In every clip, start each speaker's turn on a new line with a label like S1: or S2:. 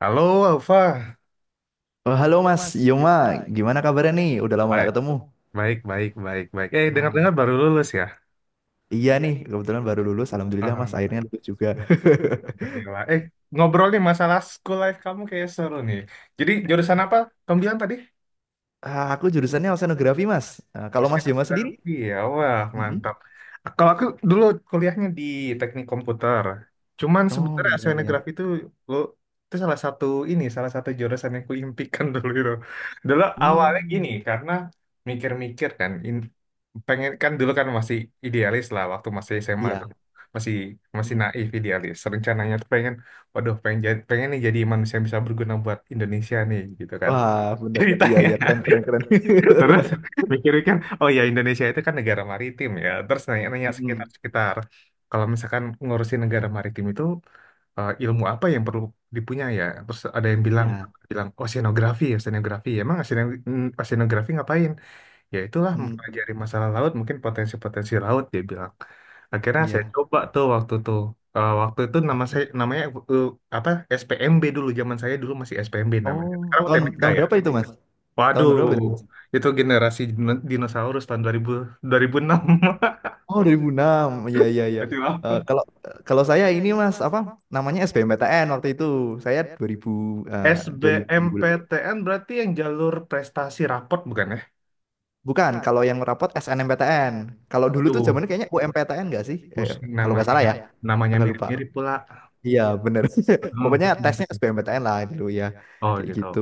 S1: Halo, Alfa.
S2: Oh, halo Mas Yoma, gimana kabarnya nih? Udah lama nggak
S1: Baik,
S2: ketemu.
S1: baik, baik, baik, baik.
S2: Ah,
S1: Dengar-dengar baru lulus ya?
S2: iya nih, kebetulan baru lulus. Alhamdulillah
S1: Ah,
S2: Mas, akhirnya lulus juga.
S1: Alhamdulillah. Ngobrol nih masalah school life kamu kayak seru nih. Jadi, jurusan apa? Kamu bilang tadi?
S2: Ah, aku jurusannya oceanografi Mas. Ah,
S1: Oh,
S2: kalau Mas Yoma sendiri?
S1: sinografi ya, wah
S2: Mm-mm.
S1: mantap. Kalau aku dulu kuliahnya di teknik komputer, cuman
S2: Oh,
S1: sebenarnya
S2: iya, iya.
S1: oceanografi itu lo itu salah satu jurusan yang kuimpikan dulu itu. Dulu awalnya
S2: Hmm,
S1: gini, karena mikir-mikir kan, pengen kan dulu kan masih idealis lah, waktu masih SMA
S2: iya.
S1: tuh. Masih masih
S2: Mm-mm.
S1: naif idealis. Rencananya tuh pengen nih jadi manusia yang bisa berguna buat Indonesia nih gitu kan.
S2: Wah, bener. Iya,
S1: Ceritanya.
S2: iya, keren, keren, keren.
S1: Terus mikir-mikir, oh ya Indonesia itu kan negara maritim ya. Terus nanya-nanya
S2: Mm,
S1: sekitar-sekitar. Kalau misalkan ngurusin negara maritim itu ilmu apa yang perlu dipunya ya? Terus ada yang bilang
S2: iya.
S1: bilang oceanografi, oceanografi. Emang oceanografi ngapain? Ya itulah
S2: Mm,
S1: mempelajari masalah laut, mungkin potensi-potensi laut dia bilang. Akhirnya saya
S2: iya.
S1: coba tuh waktu tuh. Waktu itu nama saya namanya eh, apa SPMB dulu zaman saya dulu masih SPMB namanya.
S2: Oh,
S1: Sekarang
S2: tahun
S1: UTBK
S2: tahun
S1: ya.
S2: berapa itu Mas? Tahun berapa
S1: Waduh,
S2: itu?
S1: itu generasi dinosaurus tahun 2000, 2006.
S2: Oh, 2006, ya, ya, ya.
S1: Berarti
S2: Eh,
S1: lama.
S2: kalau kalau saya ini Mas apa namanya SBMPTN waktu itu saya 2000, eh, 2000.
S1: SBMPTN berarti yang jalur prestasi raport bukan ya?
S2: Bukan, kalau yang rapot SNMPTN. Kalau dulu tuh
S1: Duh,
S2: zamannya kayaknya UMPTN nggak sih? Eh,
S1: pusing
S2: kalau nggak
S1: namanya
S2: salah ya.
S1: gitu. Namanya
S2: Agak lupa.
S1: mirip-mirip pula.
S2: Iya, bener.
S1: Hmm,
S2: Pokoknya
S1: pusing,
S2: tesnya
S1: pusing.
S2: SBMPTN lah dulu ya,
S1: Oh
S2: kayak
S1: gitu.
S2: gitu.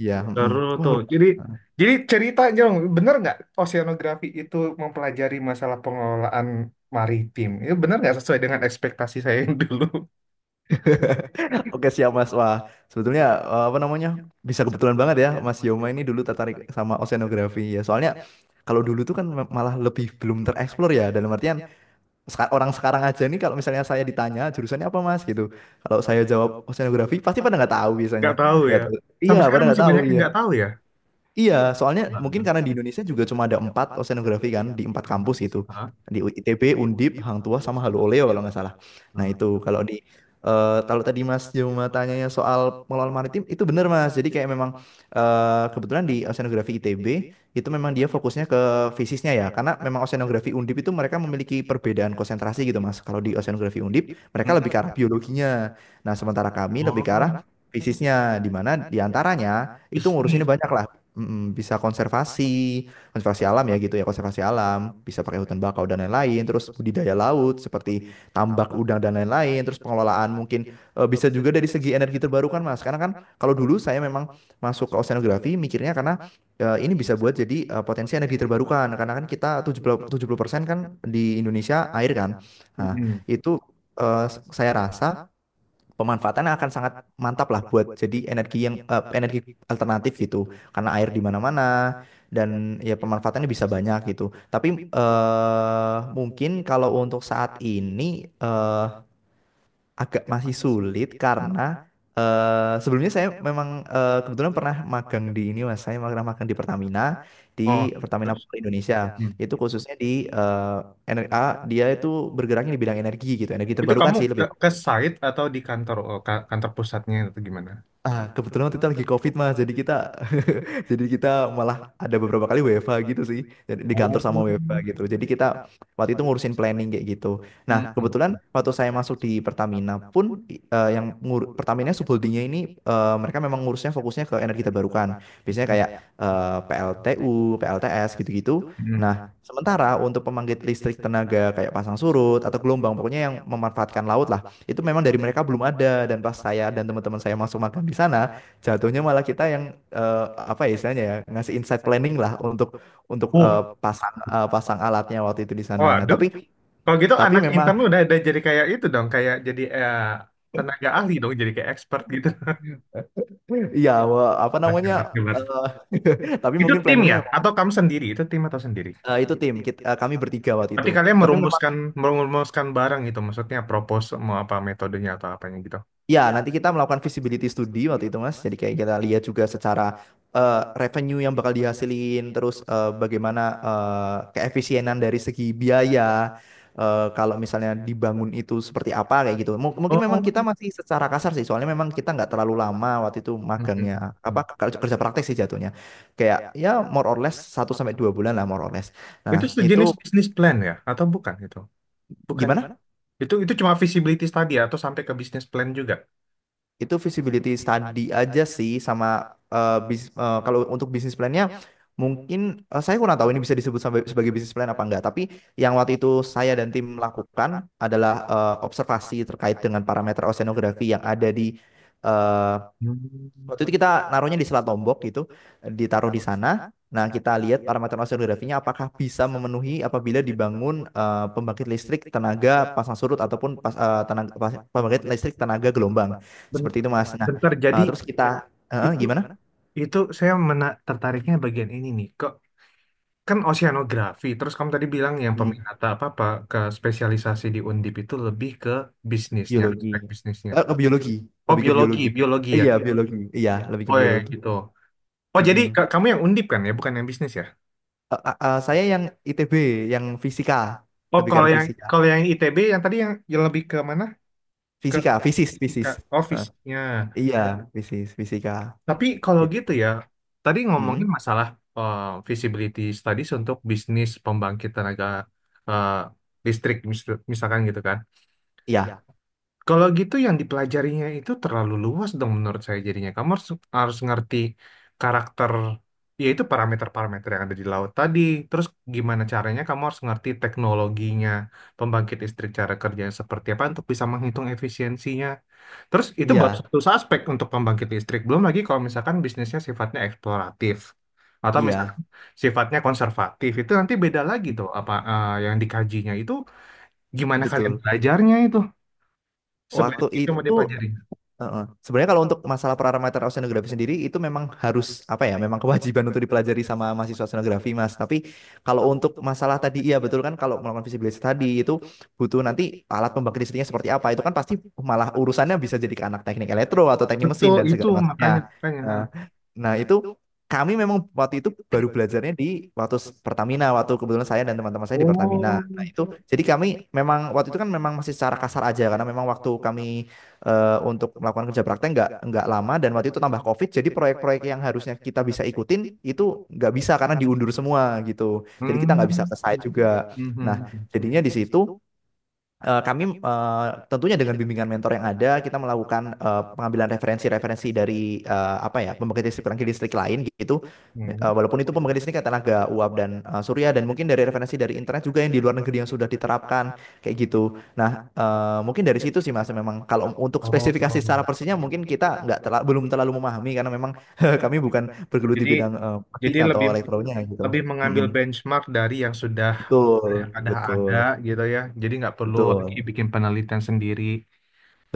S2: Iya. Mm.
S1: Seru
S2: Wah,
S1: tuh. Jadi cerita dong, bener nggak oceanografi itu mempelajari masalah pengelolaan maritim? Itu bener nggak sesuai dengan ekspektasi saya yang dulu?
S2: udah. Oke, siap Mas. Wah, sebetulnya eh, apa namanya? Bisa kebetulan banget ya Mas Yoma ini dulu tertarik sama oceanografi ya. Soalnya kalau dulu tuh kan malah lebih belum tereksplor ya dalam artian orang sekarang aja nih kalau misalnya saya ditanya jurusannya apa Mas gitu. Kalau saya jawab oceanografi pasti pada nggak tahu biasanya.
S1: Nggak tahu
S2: Nggak
S1: ya.
S2: tahu. Iya,
S1: Sampai
S2: pada
S1: sekarang
S2: nggak
S1: masih
S2: tahu.
S1: banyak yang
S2: Iya.
S1: nggak tahu ya.
S2: Iya, soalnya mungkin
S1: Waduh.
S2: karena di Indonesia juga cuma ada empat oceanografi kan di empat kampus gitu,
S1: Hah?
S2: di ITB, Undip, Hang Tua sama Halu Oleo kalau nggak salah. Nah, itu kalau kalau tadi Mas Joma tanyanya soal pengelolaan maritim itu benar Mas. Jadi kayak memang eh, kebetulan di oceanografi ITB itu memang dia fokusnya ke fisiknya ya, karena memang oceanografi Undip itu mereka memiliki perbedaan konsentrasi gitu Mas. Kalau di oceanografi Undip mereka lebih
S1: Mm-mm.
S2: ke arah biologinya. Nah, sementara kami lebih ke
S1: Oh,
S2: arah fisiknya, di mana diantaranya itu
S1: bisnis.
S2: ngurusinnya banyak lah. Bisa konservasi, konservasi alam ya gitu ya, konservasi alam, bisa pakai hutan bakau dan lain-lain, terus budidaya laut seperti tambak udang dan lain-lain, terus pengelolaan mungkin eh, bisa juga dari segi energi terbarukan Mas. Karena kan kalau dulu saya memang masuk ke oceanografi mikirnya karena eh, ini bisa buat jadi eh, potensi energi terbarukan karena kan kita tujuh tujuh puluh 70% kan di Indonesia air kan. Nah,
S1: Mm-mm.
S2: itu eh, saya rasa pemanfaatan akan sangat mantap lah buat jadi energi yang eh, energi alternatif gitu karena air di mana-mana dan ya pemanfaatannya bisa banyak gitu. Tapi eh, mungkin kalau untuk saat ini eh, agak masih sulit karena eh, sebelumnya saya memang eh, kebetulan pernah magang di ini mas, saya pernah magang di Pertamina, di
S1: Oh,
S2: Pertamina
S1: terus?
S2: Power Indonesia.
S1: Mm.
S2: Itu khususnya di eh, dia itu bergeraknya di bidang energi gitu, energi
S1: Itu
S2: terbarukan
S1: kamu
S2: sih
S1: ke,
S2: lebih.
S1: ke site atau di kantor kantor pusatnya atau gimana?
S2: Ah, kebetulan waktu itu lagi COVID mas, jadi kita jadi kita malah ada beberapa kali WFH gitu sih, jadi di kantor
S1: Oh.
S2: sama WFH gitu. Jadi kita waktu itu ngurusin planning kayak gitu. Nah,
S1: Mm-mm.
S2: kebetulan waktu saya masuk di Pertamina pun eh, Pertamina subholdingnya ini eh, mereka memang ngurusnya fokusnya ke energi terbarukan. Biasanya kayak eh, PLTU, PLTS gitu-gitu.
S1: Mm-mm.
S2: Nah, sementara untuk pembangkit listrik tenaga kayak pasang surut atau gelombang, pokoknya yang memanfaatkan laut lah, itu memang dari mereka belum ada. Dan pas saya dan teman-teman saya masuk magang di sana, jatuhnya malah kita yang eh, apa ya istilahnya ya ngasih insight planning lah untuk
S1: Oh,
S2: pasang alatnya waktu itu di sana. Nah,
S1: waduh,
S2: tapi
S1: kalau gitu anak
S2: memang
S1: intern udah ada jadi kayak itu dong, kayak jadi tenaga ahli dong, jadi kayak expert gitu.
S2: ya apa
S1: Wah,
S2: namanya
S1: enak banget.
S2: eh, tapi
S1: Itu
S2: mungkin
S1: tim
S2: planningnya
S1: ya?
S2: memang
S1: Atau kamu sendiri? Itu tim atau sendiri?
S2: eh, itu tim kita, eh, kami bertiga waktu itu.
S1: Berarti kalian
S2: Tapi memang
S1: merumuskan merumuskan barang gitu, maksudnya propose mau apa metodenya atau apanya gitu.
S2: ya, nanti kita melakukan feasibility study waktu itu, Mas. Jadi kayak kita lihat juga secara eh, revenue yang bakal dihasilin, terus eh, bagaimana eh, keefisienan dari segi biaya. Eh, kalau misalnya dibangun itu seperti apa kayak gitu. Mungkin memang kita
S1: Oh.
S2: masih secara kasar sih, soalnya memang kita nggak terlalu lama waktu itu magangnya apa
S1: Mm-mm.
S2: kerja kerja praktek sih jatuhnya. Kayak ya more or less satu sampai 2 bulan lah more or less.
S1: Itu
S2: Nah,
S1: sejenis
S2: itu
S1: bisnis plan ya? Atau bukan itu? Bukan.
S2: gimana?
S1: Itu cuma visibility study atau sampai ke bisnis plan juga?
S2: Itu visibility study aja sih sama eh, kalau untuk bisnis plannya mungkin eh, saya kurang tahu ini bisa disebut sebagai bisnis plan apa enggak. Tapi yang waktu itu saya dan tim lakukan adalah eh, observasi terkait dengan parameter oceanografi yang ada di eh,
S1: Hmm.
S2: waktu itu kita naruhnya di Selat Lombok gitu, ditaruh di sana. Nah, kita lihat parameter oseanografinya apakah bisa memenuhi apabila dibangun eh, pembangkit listrik tenaga pasang surut ataupun pas, eh, tenaga, pas- pembangkit listrik tenaga gelombang.
S1: Ben-
S2: Seperti itu, Mas. Nah,
S1: Bentar, jadi
S2: eh, terus kita eh,
S1: itu
S2: gimana?
S1: itu saya tertariknya bagian ini nih. Kok kan oceanografi, terus kamu tadi bilang yang
S2: Hmm,
S1: peminat apa apa ke spesialisasi di Undip itu lebih ke bisnisnya,
S2: biologi.
S1: aspek bisnisnya.
S2: Eh, ke biologi,
S1: Oh, ya,
S2: lebih ke
S1: biologi,
S2: biologi.
S1: biologi ya.
S2: Iya, biologi. Iya, lebih ke
S1: Oh ya ya.
S2: biologi.
S1: Gitu. Oh, jadi
S2: Mm-mm.
S1: kamu yang Undip kan ya, bukan yang bisnis ya?
S2: Eh, saya yang ITB, yang fisika,
S1: Oh,
S2: lebih ke
S1: kalau
S2: arah
S1: yang
S2: fisika.
S1: kalau yang ITB yang tadi yang lebih ke mana? Ke
S2: Fisika, fisis,
S1: fisika,
S2: fisis.
S1: oh
S2: Eh.
S1: fisiknya.
S2: Iya, fisis, fisika.
S1: Tapi kalau gitu
S2: Gitu.
S1: ya tadi
S2: Mm-mm.
S1: ngomongin masalah eh, feasibility studies untuk bisnis pembangkit tenaga eh, listrik misalkan gitu kan.
S2: Iya,
S1: Kalau gitu yang dipelajarinya itu terlalu luas dong menurut saya, jadinya kamu harus ngerti karakter yaitu parameter-parameter yang ada di laut tadi. Terus gimana caranya kamu harus ngerti teknologinya pembangkit listrik cara kerjanya seperti apa untuk bisa menghitung efisiensinya. Terus itu baru
S2: iya,
S1: satu aspek untuk pembangkit listrik. Belum lagi kalau misalkan bisnisnya sifatnya eksploratif atau misalkan
S2: iya,
S1: sifatnya konservatif itu nanti beda lagi
S2: mm,
S1: tuh apa yang dikajinya itu. Gimana kalian
S2: betul.
S1: belajarnya itu sebanyak
S2: Waktu
S1: itu mau
S2: itu
S1: dipelajari.
S2: heeh. Sebenarnya kalau untuk masalah parameter oceanografi sendiri itu memang harus apa ya? Memang kewajiban untuk dipelajari sama mahasiswa oceanografi, Mas. Tapi kalau untuk masalah tadi iya betul kan, kalau melakukan visibility tadi itu butuh nanti alat pembangkit listriknya seperti apa. Itu kan pasti malah urusannya bisa jadi ke anak teknik elektro atau teknik
S1: Betul
S2: mesin dan
S1: itu,
S2: segala macamnya.
S1: makanya makanya. Ha.
S2: Nah, nah, itu kami memang waktu itu baru belajarnya di waktu Pertamina, waktu kebetulan saya dan teman-teman saya di Pertamina.
S1: Oh.
S2: Nah, itu jadi kami memang waktu itu kan memang masih secara kasar aja karena memang waktu kami eh, untuk melakukan kerja praktek nggak lama dan waktu itu tambah COVID, jadi proyek-proyek yang harusnya kita bisa ikutin itu nggak bisa karena diundur semua gitu, jadi kita nggak bisa
S1: Hmm.
S2: ke site juga. Nah,
S1: Mhm.
S2: jadinya di situ, eh, kami eh, tentunya dengan bimbingan mentor yang ada, kita melakukan eh, pengambilan referensi-referensi dari eh, apa ya, pembangkit listrik lain gitu. Eh,
S1: Hmm. Hmm.
S2: walaupun itu pembangkit listrik tenaga uap dan eh, surya dan mungkin dari referensi dari internet juga yang di luar negeri yang sudah diterapkan kayak gitu. Nah, eh, mungkin dari situ sih Mas, memang kalau untuk spesifikasi secara
S1: Oh.
S2: persisnya mungkin kita nggak belum terlalu memahami karena memang kami bukan bergelut di
S1: Jadi
S2: bidang eh, mesin
S1: jadi lebih
S2: atau elektronya gitu.
S1: lebih mengambil
S2: Mm-mm.
S1: benchmark dari yang sudah
S2: Betul,
S1: ada
S2: betul,
S1: gitu ya. Jadi nggak perlu lagi
S2: betul.
S1: bikin penelitian sendiri.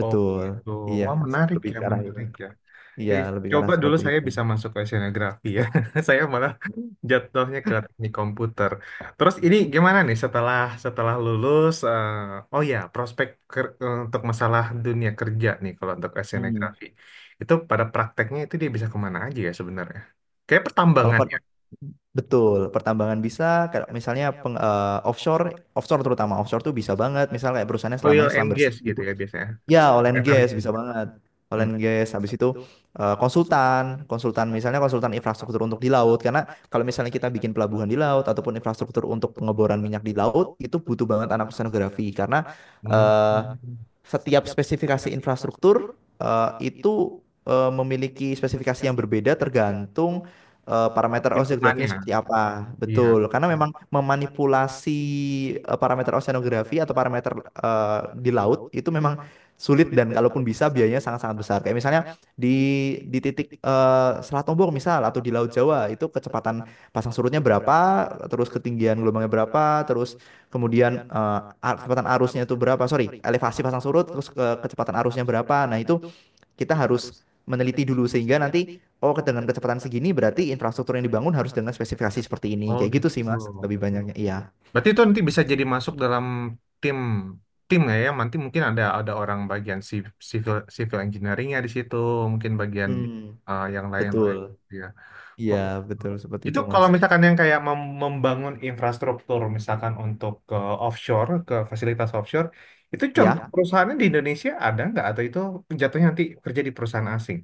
S1: Oh gitu.
S2: Iya, iya,
S1: Wah
S2: lebih
S1: menarik
S2: seperti
S1: ya,
S2: ke arah itu.
S1: menarik ya.
S2: Iya,
S1: Jadi,
S2: lebih ke arah
S1: coba dulu
S2: seperti
S1: saya
S2: itu.
S1: bisa masuk ke oceanografi ya. Saya malah jatuhnya ke teknik komputer. Terus ini gimana nih setelah setelah lulus? Oh ya, prospek untuk masalah dunia kerja nih kalau untuk
S2: Hmm.
S1: oceanografi. Itu pada prakteknya itu dia bisa kemana aja ya sebenarnya? Kayak
S2: Kalau
S1: pertambangan
S2: Kalau
S1: ya.
S2: betul, pertambangan bisa, kalau misalnya offshore, offshore terutama offshore tuh bisa banget. Misalnya kayak perusahaannya
S1: Oil
S2: selamanya
S1: and
S2: selam
S1: gas
S2: bersih
S1: gitu
S2: gitu.
S1: ya biasanya.
S2: Ya, all and gas
S1: Energi.
S2: bisa banget. All
S1: Hmm.
S2: and gas habis itu eh, konsultan misalnya konsultan infrastruktur untuk di laut karena kalau misalnya kita bikin pelabuhan di laut ataupun infrastruktur untuk pengeboran minyak di laut itu butuh banget anak oceanografi karena
S1: Hmm.
S2: eh, setiap spesifikasi infrastruktur eh, itu eh, memiliki spesifikasi yang berbeda tergantung eh, parameter oceanografinya
S1: Lingkungannya.
S2: seperti apa.
S1: Iya.
S2: Betul, karena memang memanipulasi eh, parameter oceanografi atau parameter eh, di laut itu memang sulit dan kalaupun bisa biayanya sangat-sangat besar. Kayak misalnya di titik eh, Selat Lombok misal atau di Laut Jawa itu kecepatan pasang surutnya berapa, terus ketinggian gelombangnya berapa, terus kemudian eh, kecepatan arusnya itu berapa, sorry, elevasi pasang surut, terus kecepatan arusnya berapa. Nah, itu kita harus meneliti dulu sehingga nanti oh, dengan kecepatan segini berarti infrastruktur yang dibangun harus dengan spesifikasi seperti ini.
S1: Oh
S2: Kayak
S1: gitu.
S2: gitu sih Mas, lebih banyaknya. Iya.
S1: Berarti itu nanti bisa jadi masuk dalam tim tim nggak ya? Nanti mungkin ada orang bagian civil civil engineeringnya di situ, mungkin bagian
S2: Hmm,
S1: yang lain-lain.
S2: betul.
S1: Ya.
S2: Iya,
S1: Oh.
S2: betul seperti
S1: Itu
S2: itu Mas.
S1: kalau misalkan yang kayak membangun infrastruktur, misalkan untuk ke offshore, ke fasilitas offshore, itu contoh
S2: Iya.
S1: perusahaannya di Indonesia ada nggak? Atau itu jatuhnya nanti kerja di perusahaan asing?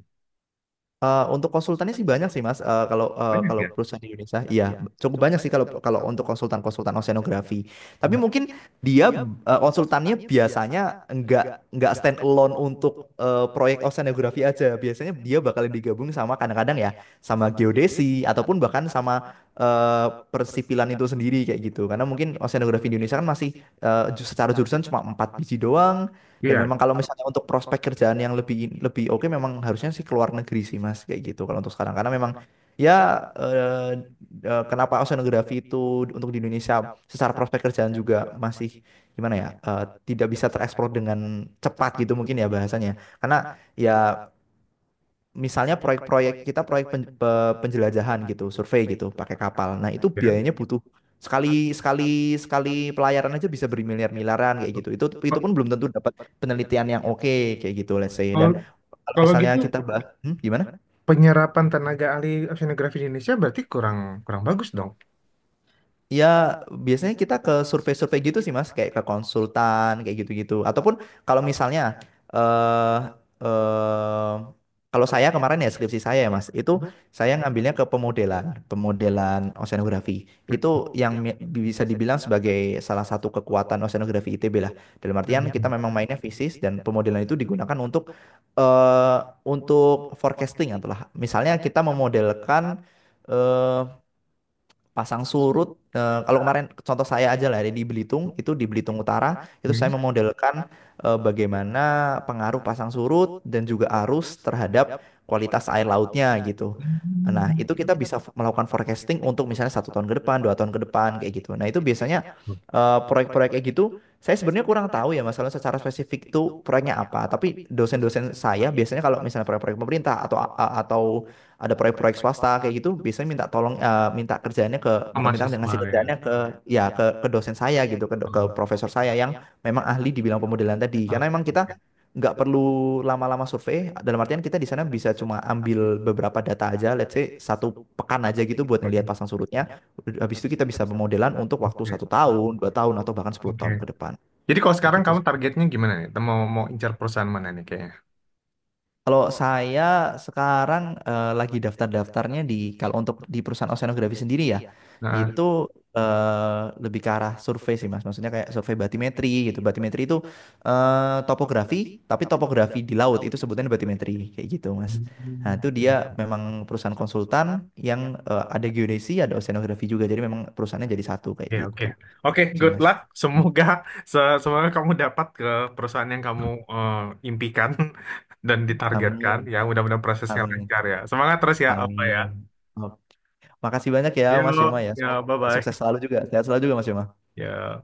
S2: Eh, untuk konsultannya sih banyak sih Mas. Eh,
S1: Banyak ya?
S2: kalau perusahaan di Indonesia, iya cukup banyak sih kalau kalau untuk konsultan-konsultan oceanografi. Tapi
S1: Hmm.
S2: mungkin dia eh, konsultannya biasanya nggak stand alone untuk eh, proyek oceanografi aja. Biasanya dia bakal digabung sama kadang-kadang ya sama geodesi ataupun bahkan sama eh, persipilan itu sendiri kayak gitu. Karena mungkin oceanografi di Indonesia kan masih eh, secara jurusan cuma empat biji doang. Dan
S1: Iya.
S2: memang kalau misalnya untuk prospek kerjaan yang lebih lebih oke memang harusnya sih keluar negeri sih Mas kayak gitu kalau untuk sekarang karena memang ya eh, kenapa oceanografi itu untuk di Indonesia secara prospek kerjaan juga masih gimana ya eh, tidak bisa tereksplor dengan cepat gitu mungkin ya bahasanya. Karena ya misalnya proyek-proyek kita proyek penjelajahan gitu, survei gitu, pakai kapal. Nah, itu
S1: Ya.
S2: biayanya butuh sekali sekali sekali pelayaran aja bisa bermiliar-miliaran kayak gitu. Itu
S1: Kalau
S2: pun belum tentu dapat penelitian yang oke kayak gitu, let's say. Dan kalau
S1: kalau
S2: misalnya
S1: gitu,
S2: kita bahas, gimana?
S1: penyerapan tenaga ahli oceanografi di Indonesia berarti kurang kurang bagus dong.
S2: Ya, biasanya kita ke survei-survei gitu sih, Mas, kayak ke konsultan, kayak gitu-gitu. Ataupun kalau misalnya eh eh, kalau saya kemarin ya skripsi saya ya, Mas, itu saya ngambilnya ke pemodelan, pemodelan oceanografi. Itu yang bisa dibilang sebagai salah satu kekuatan oceanografi ITB lah. Dalam artian kita memang mainnya fisis dan pemodelan itu digunakan untuk eh untuk forecasting itulah. Misalnya kita memodelkan eh, pasang surut. Eh, kalau kemarin contoh saya aja lah ya, di Belitung, itu di Belitung Utara, itu saya memodelkan eh, bagaimana pengaruh pasang surut dan juga arus terhadap kualitas air lautnya gitu. Nah, itu kita bisa melakukan forecasting untuk misalnya satu tahun ke depan, 2 tahun ke depan, kayak gitu. Nah, itu biasanya eh, proyek-proyek kayak gitu saya sebenarnya kurang tahu ya masalah secara spesifik itu proyeknya apa. Tapi dosen-dosen saya biasanya kalau misalnya proyek-proyek pemerintah atau atau ada proyek-proyek swasta kayak gitu, biasanya minta tolong eh, minta kerjaannya ke,
S1: Oh,
S2: bukan, minta
S1: mahasiswa
S2: ngasih
S1: ya.
S2: kerjaannya ke, ya ke dosen saya gitu, ke ke
S1: Oh.
S2: profesor saya yang memang ahli di bidang pemodelan tadi.
S1: Oke,
S2: Karena memang kita
S1: oke.
S2: nggak perlu lama-lama survei. Dalam artian kita di sana bisa cuma ambil beberapa data aja, let's say satu pekan aja gitu buat ngelihat
S1: Hmm,
S2: pasang surutnya, habis itu kita bisa pemodelan untuk waktu
S1: oke.
S2: satu tahun, 2 tahun, atau bahkan sepuluh
S1: Oke.
S2: tahun ke depan.
S1: Jadi kalau
S2: Kayak
S1: sekarang
S2: gitu
S1: kamu
S2: sih.
S1: targetnya gimana nih? Mau mau incar perusahaan mana nih kayaknya?
S2: Kalau saya sekarang eh, lagi daftar-daftarnya di, kalau untuk di perusahaan oceanografi sendiri ya,
S1: Nah.
S2: itu eh, lebih ke arah survei sih Mas. Maksudnya kayak survei batimetri gitu. Batimetri itu eh, topografi, tapi topografi di laut itu sebutannya batimetri kayak gitu Mas. Nah, itu dia memang perusahaan konsultan yang eh, ada geodesi, ada oceanografi juga. Jadi memang perusahaannya jadi satu kayak
S1: Oke, oke.
S2: gitu
S1: Oke,
S2: sih
S1: good
S2: Mas.
S1: luck.
S2: Hmm.
S1: Semoga semoga kamu dapat ke perusahaan yang kamu eh, impikan dan ditargetkan.
S2: Amin,
S1: Ya, mudah-mudahan prosesnya
S2: amin,
S1: lancar ya. Semangat terus ya, apa ya.
S2: amin. Oke. Makasih banyak ya Mas
S1: Yuk,
S2: Yuma ya.
S1: ya,
S2: Semoga sukses
S1: bye-bye.
S2: selalu juga. Sehat selalu juga Mas Yuma.
S1: Ya